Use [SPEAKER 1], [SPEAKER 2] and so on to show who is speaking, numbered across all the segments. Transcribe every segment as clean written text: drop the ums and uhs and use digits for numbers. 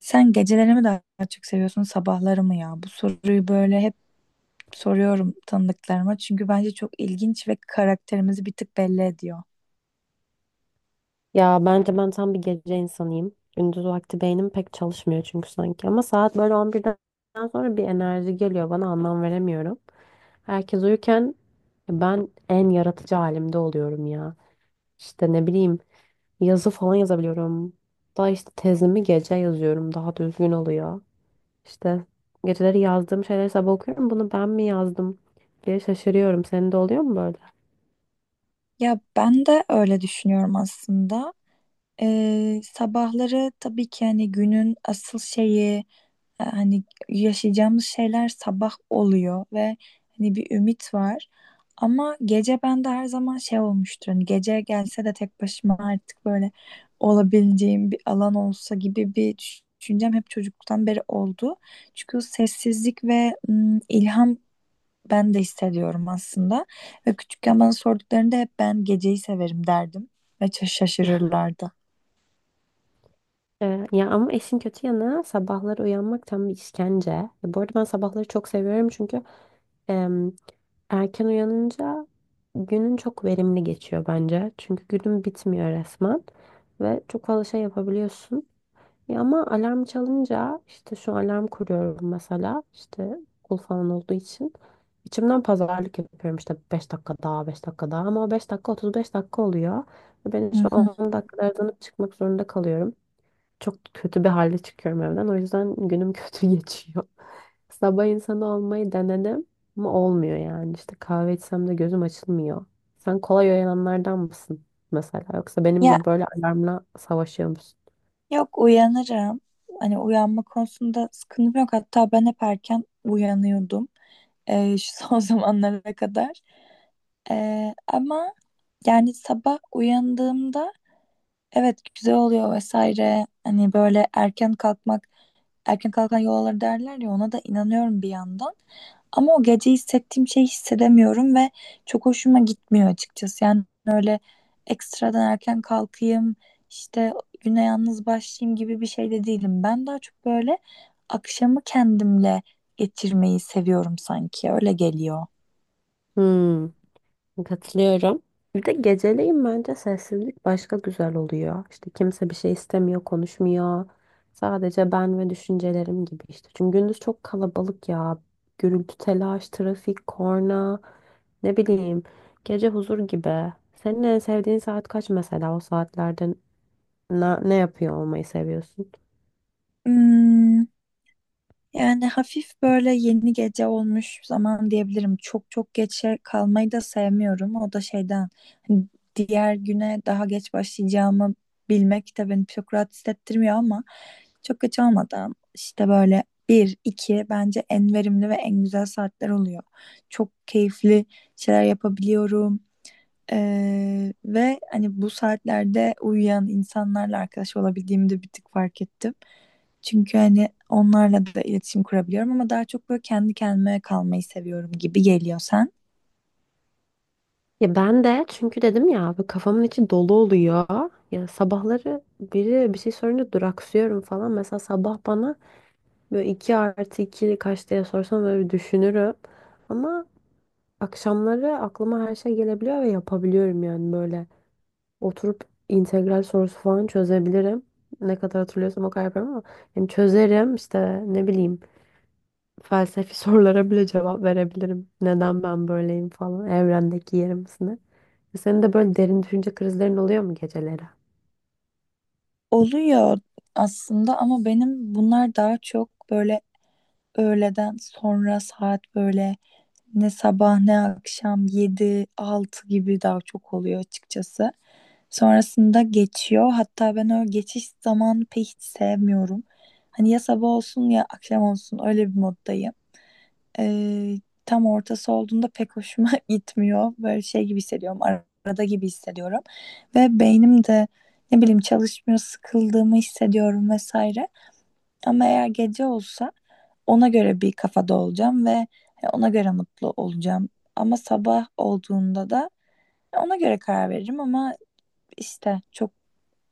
[SPEAKER 1] Sen geceleri mi daha çok seviyorsun, sabahları mı ya? Bu soruyu böyle hep soruyorum tanıdıklarıma çünkü bence çok ilginç ve karakterimizi bir tık belli ediyor.
[SPEAKER 2] Ya bence ben tam bir gece insanıyım. Gündüz vakti beynim pek çalışmıyor çünkü sanki. Ama saat böyle on birden sonra bir enerji geliyor bana anlam veremiyorum. Herkes uyurken ben en yaratıcı halimde oluyorum ya. İşte ne bileyim yazı falan yazabiliyorum. Daha işte tezimi gece yazıyorum daha düzgün oluyor. İşte geceleri yazdığım şeyleri sabah okuyorum. Bunu ben mi yazdım diye şaşırıyorum. Senin de oluyor mu böyle?
[SPEAKER 1] Ya ben de öyle düşünüyorum aslında. Sabahları tabii ki hani günün asıl şeyi, hani yaşayacağımız şeyler sabah oluyor ve hani bir ümit var. Ama gece bende her zaman şey olmuştur. Hani gece gelse de tek başıma artık böyle olabileceğim bir alan olsa gibi bir düşüncem hep çocukluktan beri oldu. Çünkü o sessizlik ve ilham ben de hissediyorum aslında. Ve küçükken bana sorduklarında hep ben geceyi severim derdim. Ve şaşırırlardı.
[SPEAKER 2] Ya ama işin kötü yanı sabahları uyanmak tam bir işkence. Ya bu arada ben sabahları çok seviyorum çünkü em, erken uyanınca günün çok verimli geçiyor bence. Çünkü günün bitmiyor resmen ve çok fazla şey yapabiliyorsun. Ya ama alarm çalınca işte şu alarm kuruyorum mesela işte okul falan olduğu için. İçimden pazarlık yapıyorum işte 5 dakika daha 5 dakika daha ama o 5 dakika 35 dakika oluyor. Ve ben
[SPEAKER 1] Hı
[SPEAKER 2] şu
[SPEAKER 1] hı.
[SPEAKER 2] 10 dakikada uzanıp çıkmak zorunda kalıyorum, çok kötü bir halde çıkıyorum evden. O yüzden günüm kötü geçiyor. Sabah insanı olmayı denedim ama olmuyor yani. İşte kahve içsem de gözüm açılmıyor. Sen kolay uyananlardan mısın mesela? Yoksa benim
[SPEAKER 1] Ya,
[SPEAKER 2] gibi böyle alarmla savaşıyor musun?
[SPEAKER 1] yok, uyanırım. Hani uyanma konusunda sıkıntım yok. Hatta ben hep erken uyanıyordum. Şu son zamanlara kadar. Ama yani sabah uyandığımda evet, güzel oluyor vesaire. Hani böyle erken kalkmak, erken kalkan yol alır derler ya, ona da inanıyorum bir yandan. Ama o gece hissettiğim şeyi hissedemiyorum ve çok hoşuma gitmiyor açıkçası. Yani öyle ekstradan erken kalkayım, işte güne yalnız başlayayım gibi bir şey de değilim. Ben daha çok böyle akşamı kendimle geçirmeyi seviyorum sanki. Öyle geliyor.
[SPEAKER 2] Hmm. Katılıyorum. Bir de geceleyin bence sessizlik başka güzel oluyor. İşte kimse bir şey istemiyor, konuşmuyor. Sadece ben ve düşüncelerim gibi işte. Çünkü gündüz çok kalabalık ya. Gürültü, telaş, trafik, korna, ne bileyim. Gece huzur gibi. Senin en sevdiğin saat kaç mesela? O saatlerde ne yapıyor olmayı seviyorsun?
[SPEAKER 1] Hmm. Yani hafif böyle yeni gece olmuş zaman diyebilirim. Çok çok geçe kalmayı da sevmiyorum. O da şeyden, hani diğer güne daha geç başlayacağımı bilmek de beni çok rahat hissettirmiyor ama çok geç olmadan işte böyle bir, iki bence en verimli ve en güzel saatler oluyor. Çok keyifli şeyler yapabiliyorum. Ve hani bu saatlerde uyuyan insanlarla arkadaş olabildiğimi de bir tık fark ettim. Çünkü hani onlarla da iletişim kurabiliyorum ama daha çok böyle kendi kendime kalmayı seviyorum gibi geliyor sen.
[SPEAKER 2] Ya ben de çünkü dedim ya bu kafamın içi dolu oluyor. Ya sabahları biri bir şey sorunca duraksıyorum falan. Mesela sabah bana böyle 2 artı 2 kaç diye sorsam böyle bir düşünürüm. Ama akşamları aklıma her şey gelebiliyor ve yapabiliyorum yani böyle. Oturup integral sorusu falan çözebilirim. Ne kadar hatırlıyorsam o kadar yaparım ama yani çözerim işte ne bileyim felsefi sorulara bile cevap verebilirim. Neden ben böyleyim falan. Evrendeki yerimiz ne? Senin de böyle derin düşünce krizlerin oluyor mu geceleri?
[SPEAKER 1] Oluyor aslında ama benim bunlar daha çok böyle öğleden sonra saat böyle ne sabah ne akşam yedi altı gibi daha çok oluyor açıkçası. Sonrasında geçiyor. Hatta ben o geçiş zamanı pek hiç sevmiyorum. Hani ya sabah olsun ya akşam olsun öyle bir moddayım. Ee, Tam ortası olduğunda pek hoşuma gitmiyor. Böyle şey gibi hissediyorum. Arada gibi hissediyorum. Ve beynim de ne bileyim çalışmıyor, sıkıldığımı hissediyorum vesaire. Ama eğer gece olsa ona göre bir kafada olacağım ve ona göre mutlu olacağım. Ama sabah olduğunda da ona göre karar veririm ama işte çok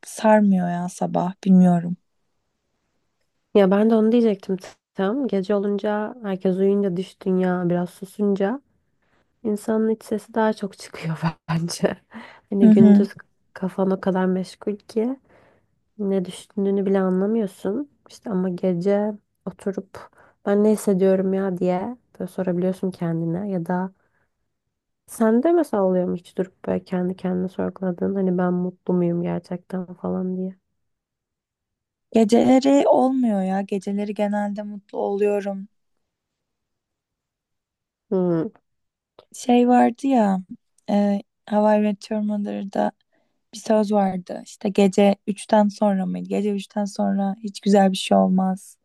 [SPEAKER 1] sarmıyor ya sabah, bilmiyorum.
[SPEAKER 2] Ya ben de onu diyecektim tam. Gece olunca, herkes uyuyunca, dış dünya biraz susunca insanın iç sesi daha çok çıkıyor bence.
[SPEAKER 1] Hı
[SPEAKER 2] Hani
[SPEAKER 1] hı.
[SPEAKER 2] gündüz kafan o kadar meşgul ki ne düşündüğünü bile anlamıyorsun. İşte ama gece oturup ben ne hissediyorum ya diye böyle sorabiliyorsun kendine, ya da sende mesela oluyor mu hiç durup böyle kendi kendine sorguladığın hani ben mutlu muyum gerçekten falan diye.
[SPEAKER 1] Geceleri olmuyor ya. Geceleri genelde mutlu oluyorum.
[SPEAKER 2] Hmm.
[SPEAKER 1] Şey vardı ya, e, How I Met Your Mother'da bir söz vardı. İşte gece üçten sonra mıydı? Gece üçten sonra hiç güzel bir şey olmaz.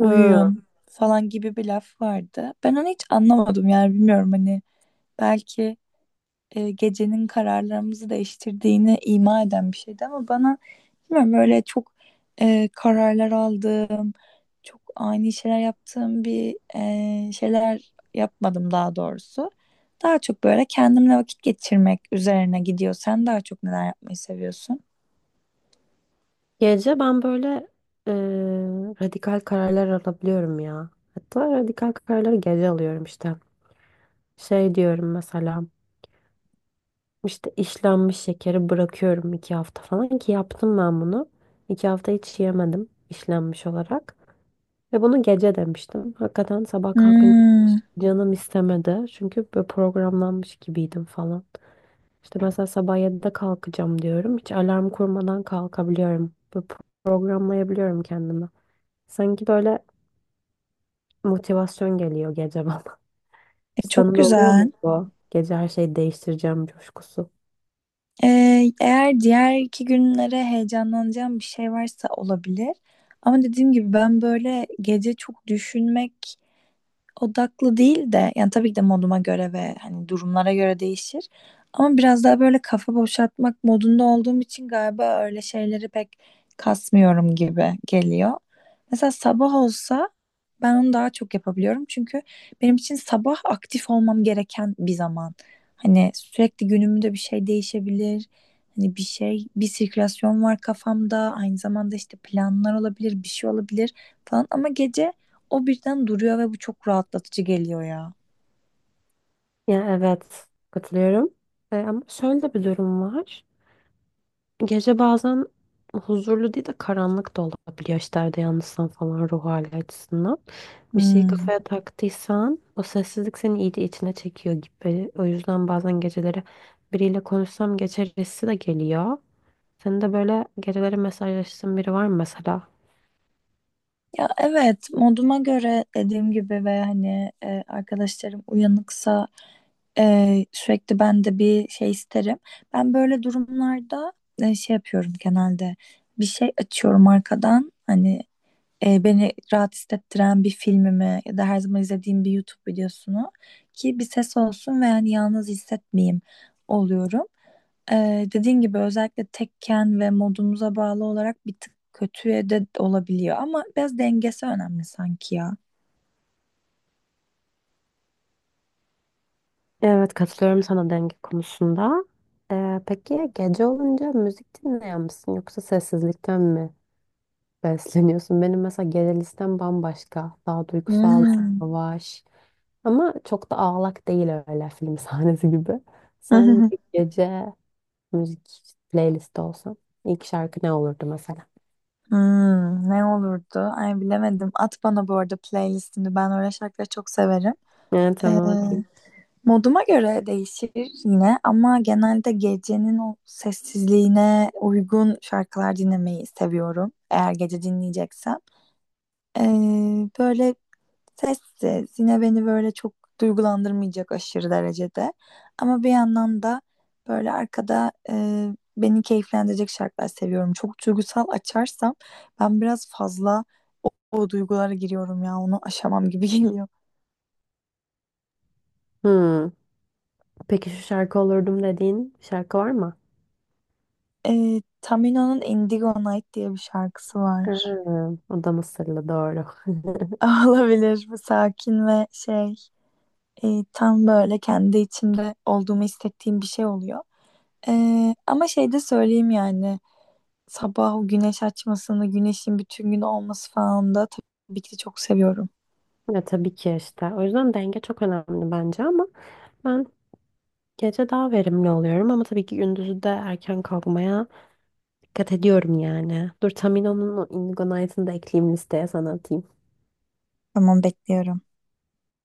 [SPEAKER 2] Hı.
[SPEAKER 1] falan gibi bir laf vardı. Ben onu hiç anlamadım yani bilmiyorum, hani belki gecenin kararlarımızı değiştirdiğini ima eden bir şeydi ama bana bilmiyorum, böyle çok kararlar aldığım, çok ani şeyler yaptığım bir şeyler yapmadım daha doğrusu. Daha çok böyle kendimle vakit geçirmek üzerine gidiyor. Sen daha çok neler yapmayı seviyorsun?
[SPEAKER 2] Gece ben böyle e, radikal kararlar alabiliyorum ya. Hatta radikal kararları gece alıyorum işte. Şey diyorum mesela işte işlenmiş şekeri bırakıyorum iki hafta falan ki yaptım ben bunu. İki hafta hiç yemedim işlenmiş olarak. Ve bunu gece demiştim. Hakikaten sabah kalkınca
[SPEAKER 1] Hmm.
[SPEAKER 2] hiç canım istemedi. Çünkü böyle programlanmış gibiydim falan. İşte mesela sabah 7'de kalkacağım diyorum. Hiç alarm kurmadan kalkabiliyorum. Böyle programlayabiliyorum kendimi. Sanki böyle motivasyon geliyor gece bana.
[SPEAKER 1] Çok
[SPEAKER 2] Sana da oluyor
[SPEAKER 1] güzel.
[SPEAKER 2] mu bu? Gece her şeyi değiştireceğim coşkusu.
[SPEAKER 1] E, Eğer diğer iki günlere heyecanlanacağım bir şey varsa olabilir. Ama dediğim gibi ben böyle gece çok düşünmek odaklı değil de yani tabii ki de moduma göre ve hani durumlara göre değişir. Ama biraz daha böyle kafa boşaltmak modunda olduğum için galiba öyle şeyleri pek kasmıyorum gibi geliyor. Mesela sabah olsa ben onu daha çok yapabiliyorum. Çünkü benim için sabah aktif olmam gereken bir zaman. Hani sürekli günümde bir şey değişebilir. Hani bir şey, bir sirkülasyon var kafamda. Aynı zamanda işte planlar olabilir, bir şey olabilir falan. Ama gece o birden duruyor ve bu çok rahatlatıcı geliyor ya.
[SPEAKER 2] Ya evet, katılıyorum. Ama şöyle de bir durum var. Gece bazen huzurlu değil de karanlık da olabiliyor. İşte evde yalnızsan falan ruh hali açısından. Bir şeyi
[SPEAKER 1] Hmm.
[SPEAKER 2] kafaya taktıysan o sessizlik seni iyice içine çekiyor gibi. O yüzden bazen geceleri biriyle konuşsam geçer hissi de geliyor. Senin de böyle geceleri mesajlaştığın biri var mı mesela?
[SPEAKER 1] Ya evet, moduma göre dediğim gibi ve hani arkadaşlarım uyanıksa sürekli ben de bir şey isterim. Ben böyle durumlarda şey yapıyorum genelde, bir şey açıyorum arkadan, hani beni rahat hissettiren bir filmimi ya da her zaman izlediğim bir YouTube videosunu, ki bir ses olsun ve yani yalnız hissetmeyeyim, oluyorum. Dediğin gibi özellikle tekken ve modumuza bağlı olarak bir tık kötüye de olabiliyor ama biraz dengesi önemli sanki ya.
[SPEAKER 2] Evet, katılıyorum sana denge konusunda. Peki gece olunca müzik dinleyen misin, yoksa sessizlikten mi besleniyorsun? Benim mesela genel listem bambaşka. Daha duygusal,
[SPEAKER 1] Hmm.
[SPEAKER 2] yavaş. Ama çok da ağlak değil, öyle film sahnesi gibi. Sen bir gece müzik playlisti olsan ilk şarkı ne olurdu mesela?
[SPEAKER 1] Hmm, ne olurdu? Ay, bilemedim. At bana bu arada playlistini. Ben öyle şarkıları çok severim.
[SPEAKER 2] Evet,
[SPEAKER 1] Ee,
[SPEAKER 2] tamam, atayım.
[SPEAKER 1] Moduma göre değişir yine ama genelde gecenin o sessizliğine uygun şarkılar dinlemeyi seviyorum. Eğer gece dinleyeceksem. Ee, Böyle sessiz. Yine beni böyle çok duygulandırmayacak aşırı derecede. Ama bir yandan da böyle arkada beni keyiflendirecek şarkılar seviyorum. Çok duygusal açarsam ben biraz fazla o duygulara giriyorum ya. Onu aşamam gibi geliyor.
[SPEAKER 2] Hmm. Peki şu şarkı olurdum dediğin şarkı var mı?
[SPEAKER 1] Tamino'nun Indigo Night diye bir şarkısı
[SPEAKER 2] Ha,
[SPEAKER 1] var.
[SPEAKER 2] o da Mısırlı doğru.
[SPEAKER 1] Olabilir, bu sakin ve şey, tam böyle kendi içimde olduğumu hissettiğim bir şey oluyor. Ama şey de söyleyeyim, yani sabah o güneş açmasını, güneşin bütün gün olması falan da tabii ki de çok seviyorum.
[SPEAKER 2] Ya tabii ki işte. O yüzden denge çok önemli bence, ama ben gece daha verimli oluyorum, ama tabii ki gündüzü de erken kalkmaya dikkat ediyorum yani. Dur, Tamino'nun o Indigo Knight'ını da ekleyeyim listeye, sana atayım.
[SPEAKER 1] Tamam, bekliyorum.